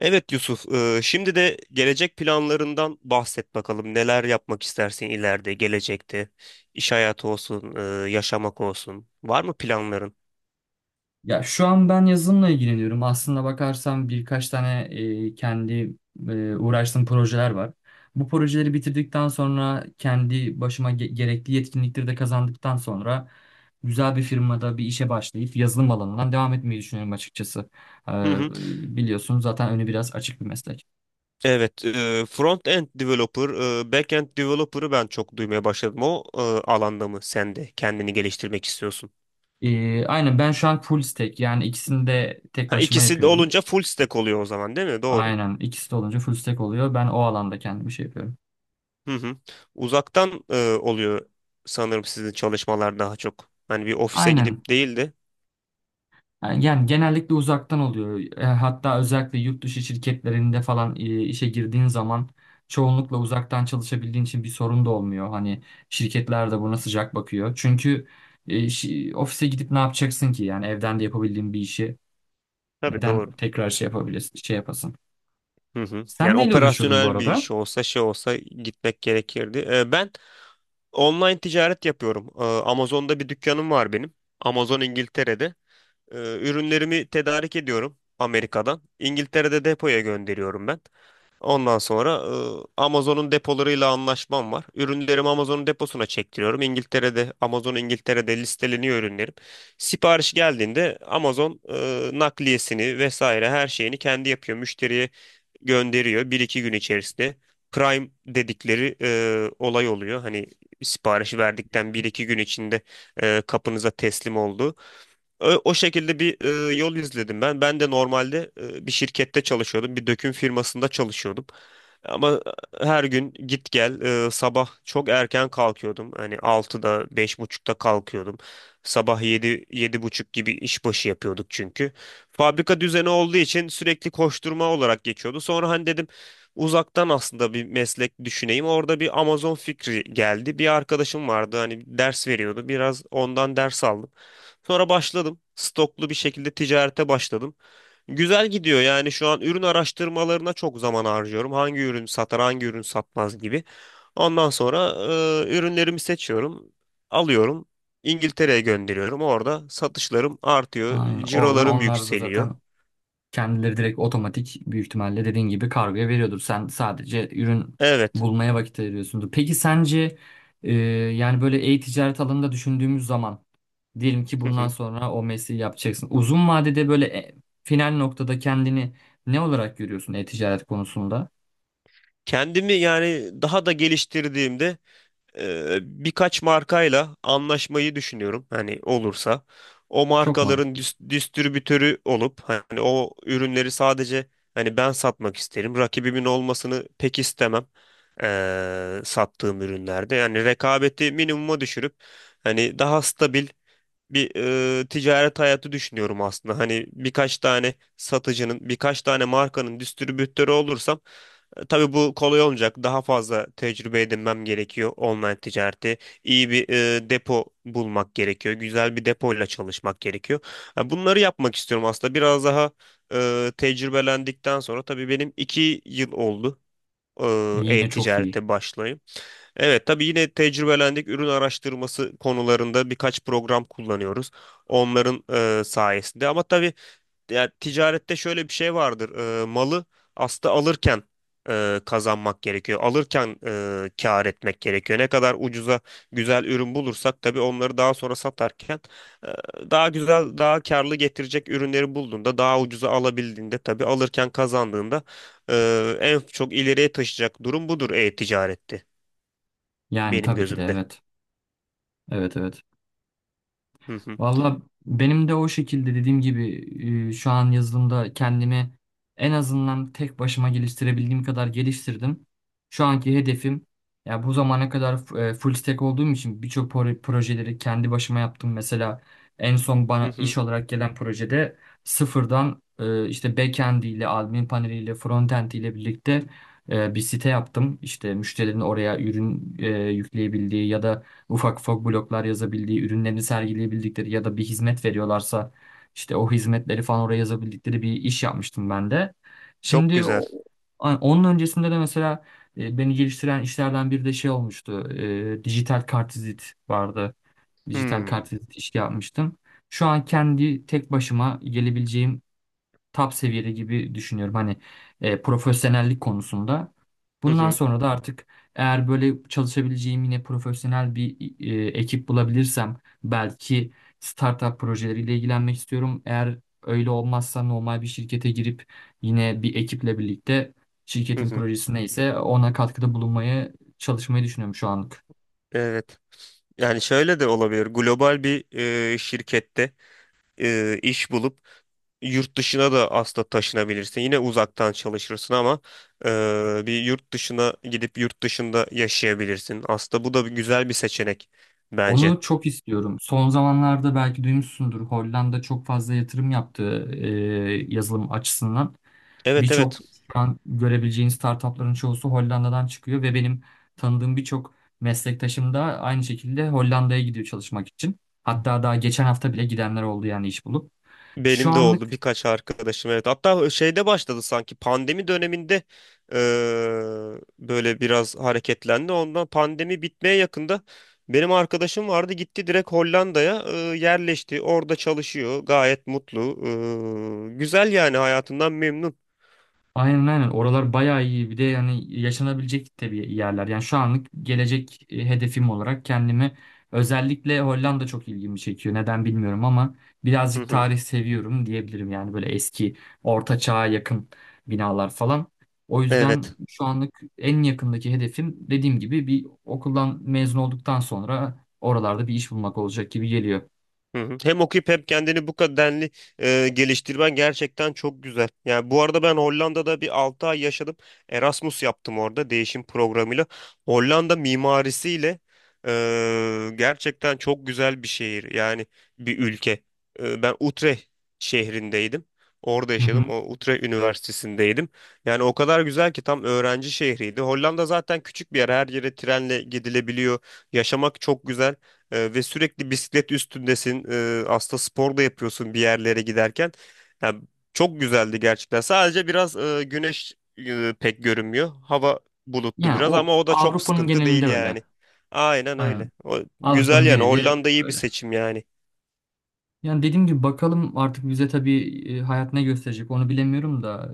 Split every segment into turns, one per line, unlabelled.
Evet Yusuf, şimdi de gelecek planlarından bahset bakalım. Neler yapmak istersin ileride, gelecekte? İş hayatı olsun, yaşamak olsun. Var mı planların?
Ya şu an ben yazılımla ilgileniyorum. Aslında bakarsam birkaç tane kendi uğraştığım projeler var. Bu projeleri bitirdikten sonra kendi başıma gerekli yetkinlikleri de kazandıktan sonra güzel bir firmada bir işe başlayıp yazılım alanından devam etmeyi düşünüyorum açıkçası.
Hı
Ee,
hı.
Biliyorsun zaten önü biraz açık bir meslek.
Evet, front-end developer, back-end developer'ı ben çok duymaya başladım. O alanda mı sen de kendini geliştirmek istiyorsun?
Aynen, ben şu an full stack, yani ikisini de tek
Ha,
başıma
ikisi de
yapıyorum.
olunca full stack oluyor o zaman, değil mi? Doğru.
Aynen, ikisi de olunca full stack oluyor. Ben o alanda kendimi şey yapıyorum.
Hı hı. Uzaktan oluyor sanırım sizin çalışmalar daha çok. Hani bir ofise
Aynen.
gidip değil de.
Yani genellikle uzaktan oluyor. E, hatta özellikle yurt dışı şirketlerinde falan işe girdiğin zaman çoğunlukla uzaktan çalışabildiğin için bir sorun da olmuyor. Hani şirketler de buna sıcak bakıyor. Çünkü ofise gidip ne yapacaksın ki? Yani evden de yapabildiğin bir işi
Tabii
neden
doğru.
tekrar şey yapabilirsin, şey yapasın?
Hı hı.
Sen
Yani
neyle uğraşıyordun bu
operasyonel bir
arada?
iş olsa şey olsa gitmek gerekirdi. Ben online ticaret yapıyorum. Amazon'da bir dükkanım var benim. Amazon İngiltere'de. Ee, ürünlerimi tedarik ediyorum Amerika'dan. İngiltere'de depoya gönderiyorum ben. Ondan sonra Amazon'un depolarıyla anlaşmam var. Ürünlerimi Amazon'un deposuna çektiriyorum. İngiltere'de, Amazon İngiltere'de listeleniyor ürünlerim. Sipariş geldiğinde Amazon nakliyesini vesaire her şeyini kendi yapıyor. Müşteriye gönderiyor bir iki gün içerisinde. Prime dedikleri olay oluyor. Hani siparişi verdikten bir iki gün içinde kapınıza teslim oldu. O şekilde bir yol izledim ben. Ben de normalde bir şirkette çalışıyordum. Bir döküm firmasında çalışıyordum. Ama her gün git gel, sabah çok erken kalkıyordum. Hani altıda beş buçukta kalkıyordum. Sabah yedi, yedi buçuk gibi işbaşı yapıyorduk çünkü. Fabrika düzeni olduğu için sürekli koşturma olarak geçiyordu. Sonra hani dedim uzaktan aslında bir meslek düşüneyim. Orada bir Amazon fikri geldi. Bir arkadaşım vardı hani ders veriyordu. Biraz ondan ders aldım. Sonra başladım. Stoklu bir şekilde ticarete başladım. Güzel gidiyor yani şu an ürün araştırmalarına çok zaman harcıyorum. Hangi ürün satar, hangi ürün satmaz gibi. Ondan sonra ürünlerimi seçiyorum, alıyorum. İngiltere'ye gönderiyorum. Orada satışlarım artıyor,
Aynen. Oradan
cirolarım
onlar da
yükseliyor.
zaten kendileri direkt otomatik, büyük ihtimalle dediğin gibi kargoya veriyordur. Sen sadece ürün
Evet.
bulmaya vakit ayırıyorsundur. Peki sence yani böyle e-ticaret alanında düşündüğümüz zaman, diyelim ki
Hı
bundan
hı.
sonra o mesleği yapacaksın, uzun vadede böyle final noktada kendini ne olarak görüyorsun e-ticaret konusunda?
Kendimi yani daha da geliştirdiğimde birkaç markayla anlaşmayı düşünüyorum. Hani olursa o
Çok
markaların
mantıklı.
distribütörü olup hani o ürünleri sadece hani ben satmak isterim. Rakibimin olmasını pek istemem. Sattığım ürünlerde yani rekabeti minimuma düşürüp hani daha stabil bir ticaret hayatı düşünüyorum aslında. Hani birkaç tane satıcının, birkaç tane markanın distribütörü olursam, tabii bu kolay olmayacak. Daha fazla tecrübe edinmem gerekiyor online ticareti. İyi bir depo bulmak gerekiyor. Güzel bir depoyla çalışmak gerekiyor. Ha, bunları yapmak istiyorum aslında. Biraz daha tecrübelendikten sonra tabii benim iki yıl oldu
Yine çok iyi.
e-ticarete başlayıp. Evet tabii yine tecrübelendik ürün araştırması konularında birkaç program kullanıyoruz. Onların sayesinde ama tabii ya ticarette şöyle bir şey vardır. Malı aslında alırken kazanmak gerekiyor. Alırken kâr etmek gerekiyor. Ne kadar ucuza güzel ürün bulursak tabii onları daha sonra satarken daha güzel, daha karlı getirecek ürünleri bulduğunda, daha ucuza alabildiğinde tabii alırken kazandığında en çok ileriye taşıyacak durum budur e-ticarette
Yani
benim
tabii ki de,
gözümde.
evet. Evet, evet.
Hı hı,
Valla benim de o şekilde, dediğim gibi, şu an yazılımda kendimi en azından tek başıma geliştirebildiğim kadar geliştirdim. Şu anki hedefim, ya bu zamana kadar full stack olduğum için birçok projeleri kendi başıma yaptım. Mesela en son
hı
bana iş
hı.
olarak gelen projede sıfırdan, işte backend ile, admin paneliyle, frontend ile birlikte bir site yaptım. İşte müşterilerin oraya ürün yükleyebildiği ya da ufak ufak bloklar yazabildiği, ürünlerini sergileyebildikleri ya da bir hizmet veriyorlarsa işte o hizmetleri falan oraya yazabildikleri bir iş yapmıştım ben de.
Çok
Şimdi
güzel.
onun öncesinde de mesela beni geliştiren işlerden biri de şey olmuştu. E, dijital kartvizit vardı. Dijital
Hmm.
kartvizit işi yapmıştım. Şu an kendi tek başıma gelebileceğim top seviyede gibi düşünüyorum. Hani profesyonellik konusunda.
Hı
Bundan
hı,
sonra da artık eğer böyle çalışabileceğim yine profesyonel bir ekip bulabilirsem, belki startup projeleriyle ilgilenmek istiyorum. Eğer öyle olmazsa normal bir şirkete girip yine bir ekiple birlikte
hı
şirketin
hı.
projesi neyse ona katkıda bulunmaya çalışmayı düşünüyorum şu anlık.
Evet. Yani şöyle de olabilir. Global bir şirkette iş bulup yurt dışına da aslında taşınabilirsin. Yine uzaktan çalışırsın ama bir yurt dışına gidip yurt dışında yaşayabilirsin. Aslında bu da bir güzel bir seçenek bence.
Onu çok istiyorum. Son zamanlarda belki duymuşsundur, Hollanda çok fazla yatırım yaptı yazılım açısından.
Evet, evet.
Birçok, şu an görebileceğiniz startupların çoğusu Hollanda'dan çıkıyor ve benim tanıdığım birçok meslektaşım da aynı şekilde Hollanda'ya gidiyor çalışmak için. Hatta daha geçen hafta bile gidenler oldu, yani iş bulup. Şu
Benim de oldu
anlık
birkaç arkadaşım, evet. Hatta şeyde başladı sanki pandemi döneminde, böyle biraz hareketlendi. Ondan pandemi bitmeye yakında benim arkadaşım vardı, gitti direkt Hollanda'ya, yerleşti. Orada çalışıyor, gayet mutlu. Güzel yani, hayatından memnun.
aynen, aynen. Oralar bayağı iyi. Bir de yani yaşanabilecek tabii yerler. Yani şu anlık gelecek hedefim olarak kendimi, özellikle Hollanda çok ilgimi çekiyor. Neden bilmiyorum ama
Hı
birazcık
hı.
tarih seviyorum diyebilirim. Yani böyle eski, orta çağa yakın binalar falan. O yüzden
Evet.
şu anlık en yakındaki hedefim, dediğim gibi, bir okuldan mezun olduktan sonra oralarda bir iş bulmak olacak gibi geliyor.
Hı hı. Hem okuyup hem kendini bu kadenli geliştirmen gerçekten çok güzel. Yani bu arada ben Hollanda'da bir 6 ay yaşadım. Erasmus yaptım orada değişim programıyla. Hollanda mimarisiyle gerçekten çok güzel bir şehir. Yani bir ülke. E, ben Utrecht şehrindeydim. Orada
Hı
yaşadım.
hı.
O Utrecht Üniversitesi'ndeydim. Yani o kadar güzel ki, tam öğrenci şehriydi. Hollanda zaten küçük bir yer. Her yere trenle gidilebiliyor. Yaşamak çok güzel. Ve sürekli bisiklet üstündesin. Aslında spor da yapıyorsun bir yerlere giderken. Yani çok güzeldi gerçekten. Sadece biraz güneş pek görünmüyor. Hava bulutlu
Yani
biraz
o
ama o da çok
Avrupa'nın
sıkıntı değil
genelinde öyle.
yani. Aynen öyle.
Aynen.
O, güzel
Avrupa'nın
yani.
geneli
Hollanda iyi bir
öyle.
seçim yani.
Yani dediğim gibi bakalım artık bize tabii, hayat ne gösterecek onu bilemiyorum da,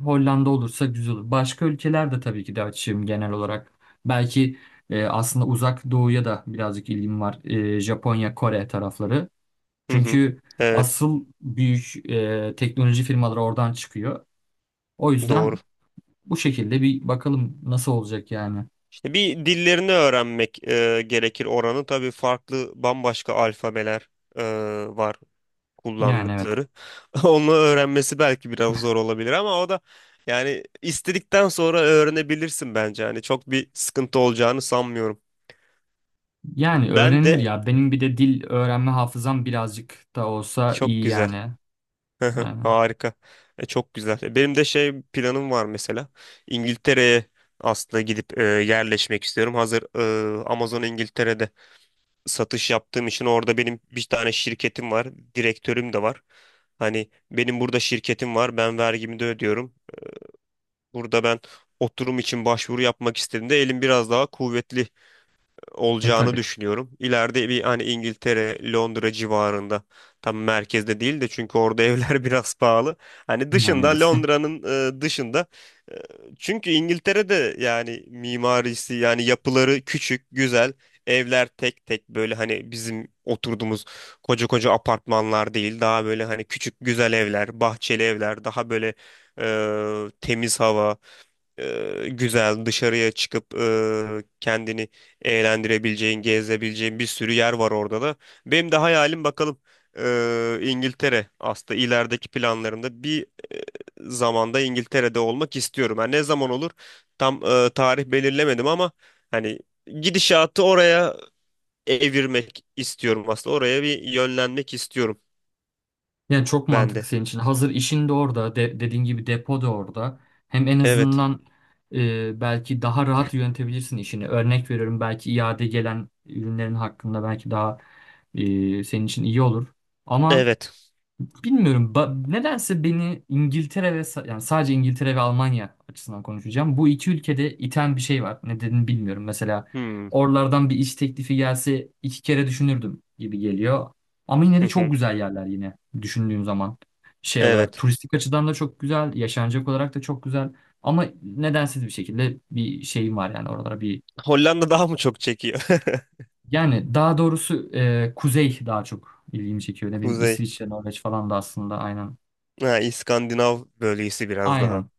Hollanda olursa güzel olur. Başka ülkeler de tabii ki de açığım genel olarak. Belki, aslında uzak doğuya da birazcık ilgim var. E, Japonya, Kore tarafları.
Hı hı.
Çünkü
Evet.
asıl büyük teknoloji firmaları oradan çıkıyor. O yüzden
Doğru.
bu şekilde bir bakalım nasıl olacak yani.
İşte bir dillerini öğrenmek gerekir oranın. Tabii farklı bambaşka alfabeler e, var.
Yani evet.
Kullandıkları. Onu öğrenmesi belki biraz zor olabilir ama o da yani istedikten sonra öğrenebilirsin bence. Hani çok bir sıkıntı olacağını sanmıyorum.
Yani
Ben
öğrenilir
de
ya. Benim bir de dil öğrenme hafızam birazcık da olsa
çok
iyi
güzel.
yani. Aynen.
Harika. Çok güzel. Benim de şey planım var mesela. İngiltere'ye aslında gidip yerleşmek istiyorum. Hazır Amazon İngiltere'de satış yaptığım için orada benim bir tane şirketim var. Direktörüm de var. Hani benim burada şirketim var. Ben vergimi de ödüyorum. Burada ben oturum için başvuru yapmak istediğimde elim biraz daha kuvvetli
E
olacağını
tabii.
düşünüyorum. İleride bir hani İngiltere, Londra civarında, tam merkezde değil de çünkü orada evler biraz pahalı. Hani
Yani
dışında,
evet.
Londra'nın dışında. E, Çünkü İngiltere'de yani mimarisi, yani yapıları küçük, güzel. Evler tek tek böyle, hani bizim oturduğumuz koca koca apartmanlar değil. Daha böyle hani küçük güzel evler, bahçeli evler, daha böyle temiz hava, güzel dışarıya çıkıp kendini eğlendirebileceğin, gezebileceğin bir sürü yer var orada da. Benim de hayalim bakalım, İngiltere aslında ilerideki planlarımda bir e, zamanda İngiltere'de olmak istiyorum. Yani ne zaman olur tam, tarih belirlemedim ama hani gidişatı oraya evirmek istiyorum aslında. Oraya bir yönlenmek istiyorum
Yani çok
ben
mantıklı
de.
senin için. Hazır işin de orada. Dediğin gibi depo da orada. Hem en
Evet.
azından belki daha rahat yönetebilirsin işini. Örnek veriyorum, belki iade gelen ürünlerin hakkında belki daha senin için iyi olur. Ama
Evet.
bilmiyorum. Nedense beni İngiltere ve yani sadece İngiltere ve Almanya açısından konuşacağım, bu iki ülkede iten bir şey var. Nedenini bilmiyorum. Mesela
Hmm.
oralardan bir iş teklifi gelse iki kere düşünürdüm gibi geliyor. Ama yine de çok güzel yerler yine düşündüğüm zaman. Şey olarak
Evet.
turistik açıdan da çok güzel, yaşanacak olarak da çok güzel. Ama nedensiz bir şekilde bir şeyim var yani oralara bir,
Hollanda daha mı çok çekiyor?
yani daha doğrusu kuzey daha çok ilgimi çekiyor. Ne bileyim,
Kuzey.
İsviçre, Norveç falan da aslında aynen.
Ha, İskandinav bölgesi biraz daha.
Aynen.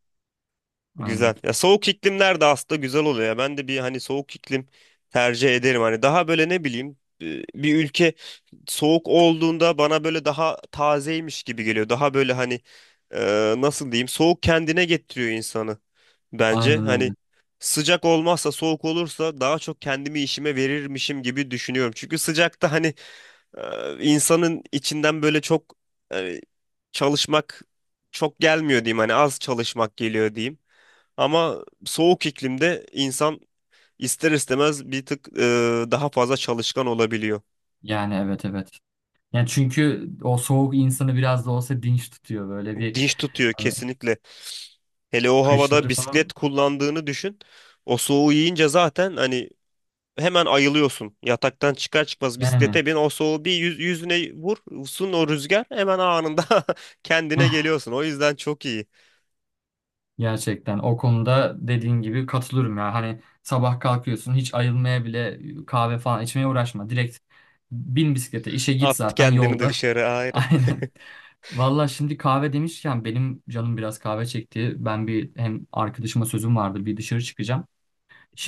Aynen.
Güzel. Ya soğuk iklimler de aslında güzel oluyor ya. Ben de bir hani soğuk iklim tercih ederim. Hani daha böyle ne bileyim, bir ülke soğuk olduğunda bana böyle daha tazeymiş gibi geliyor. Daha böyle hani, e, nasıl diyeyim, soğuk kendine getiriyor insanı bence.
Aynen
Hani
öyle.
sıcak olmazsa, soğuk olursa daha çok kendimi işime verirmişim gibi düşünüyorum. Çünkü sıcakta hani insanın içinden böyle çok, hani çalışmak çok gelmiyor diyeyim, hani az çalışmak geliyor diyeyim. Ama soğuk iklimde insan ister istemez bir tık daha fazla çalışkan olabiliyor.
Yani evet, evet. Yani çünkü o soğuk insanı biraz da olsa dinç tutuyor, böyle bir,
Dinç tutuyor
hani
kesinlikle. Hele o havada
kışları falan.
bisiklet kullandığını düşün. O soğuğu yiyince zaten hani hemen ayılıyorsun. Yataktan çıkar çıkmaz
Yani
bisiklete bin. O soğuğu bir yüz, yüzüne vursun o rüzgar, hemen anında kendine
eh,
geliyorsun. O yüzden çok iyi.
gerçekten o konuda dediğin gibi katılıyorum ya. Hani sabah kalkıyorsun, hiç ayılmaya bile, kahve falan içmeye uğraşma. Direkt bin bisiklete, işe git
At
zaten
kendini
yolda.
dışarı ayrı.
Aynen. Valla, şimdi kahve demişken benim canım biraz kahve çekti. Ben bir, hem arkadaşıma sözüm vardı, bir dışarı çıkacağım.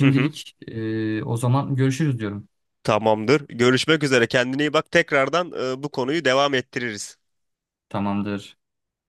Hı hı,
o zaman görüşürüz diyorum.
tamamdır. Görüşmek üzere. Kendine iyi bak. Tekrardan bu konuyu devam ettiririz.
Tamamdır.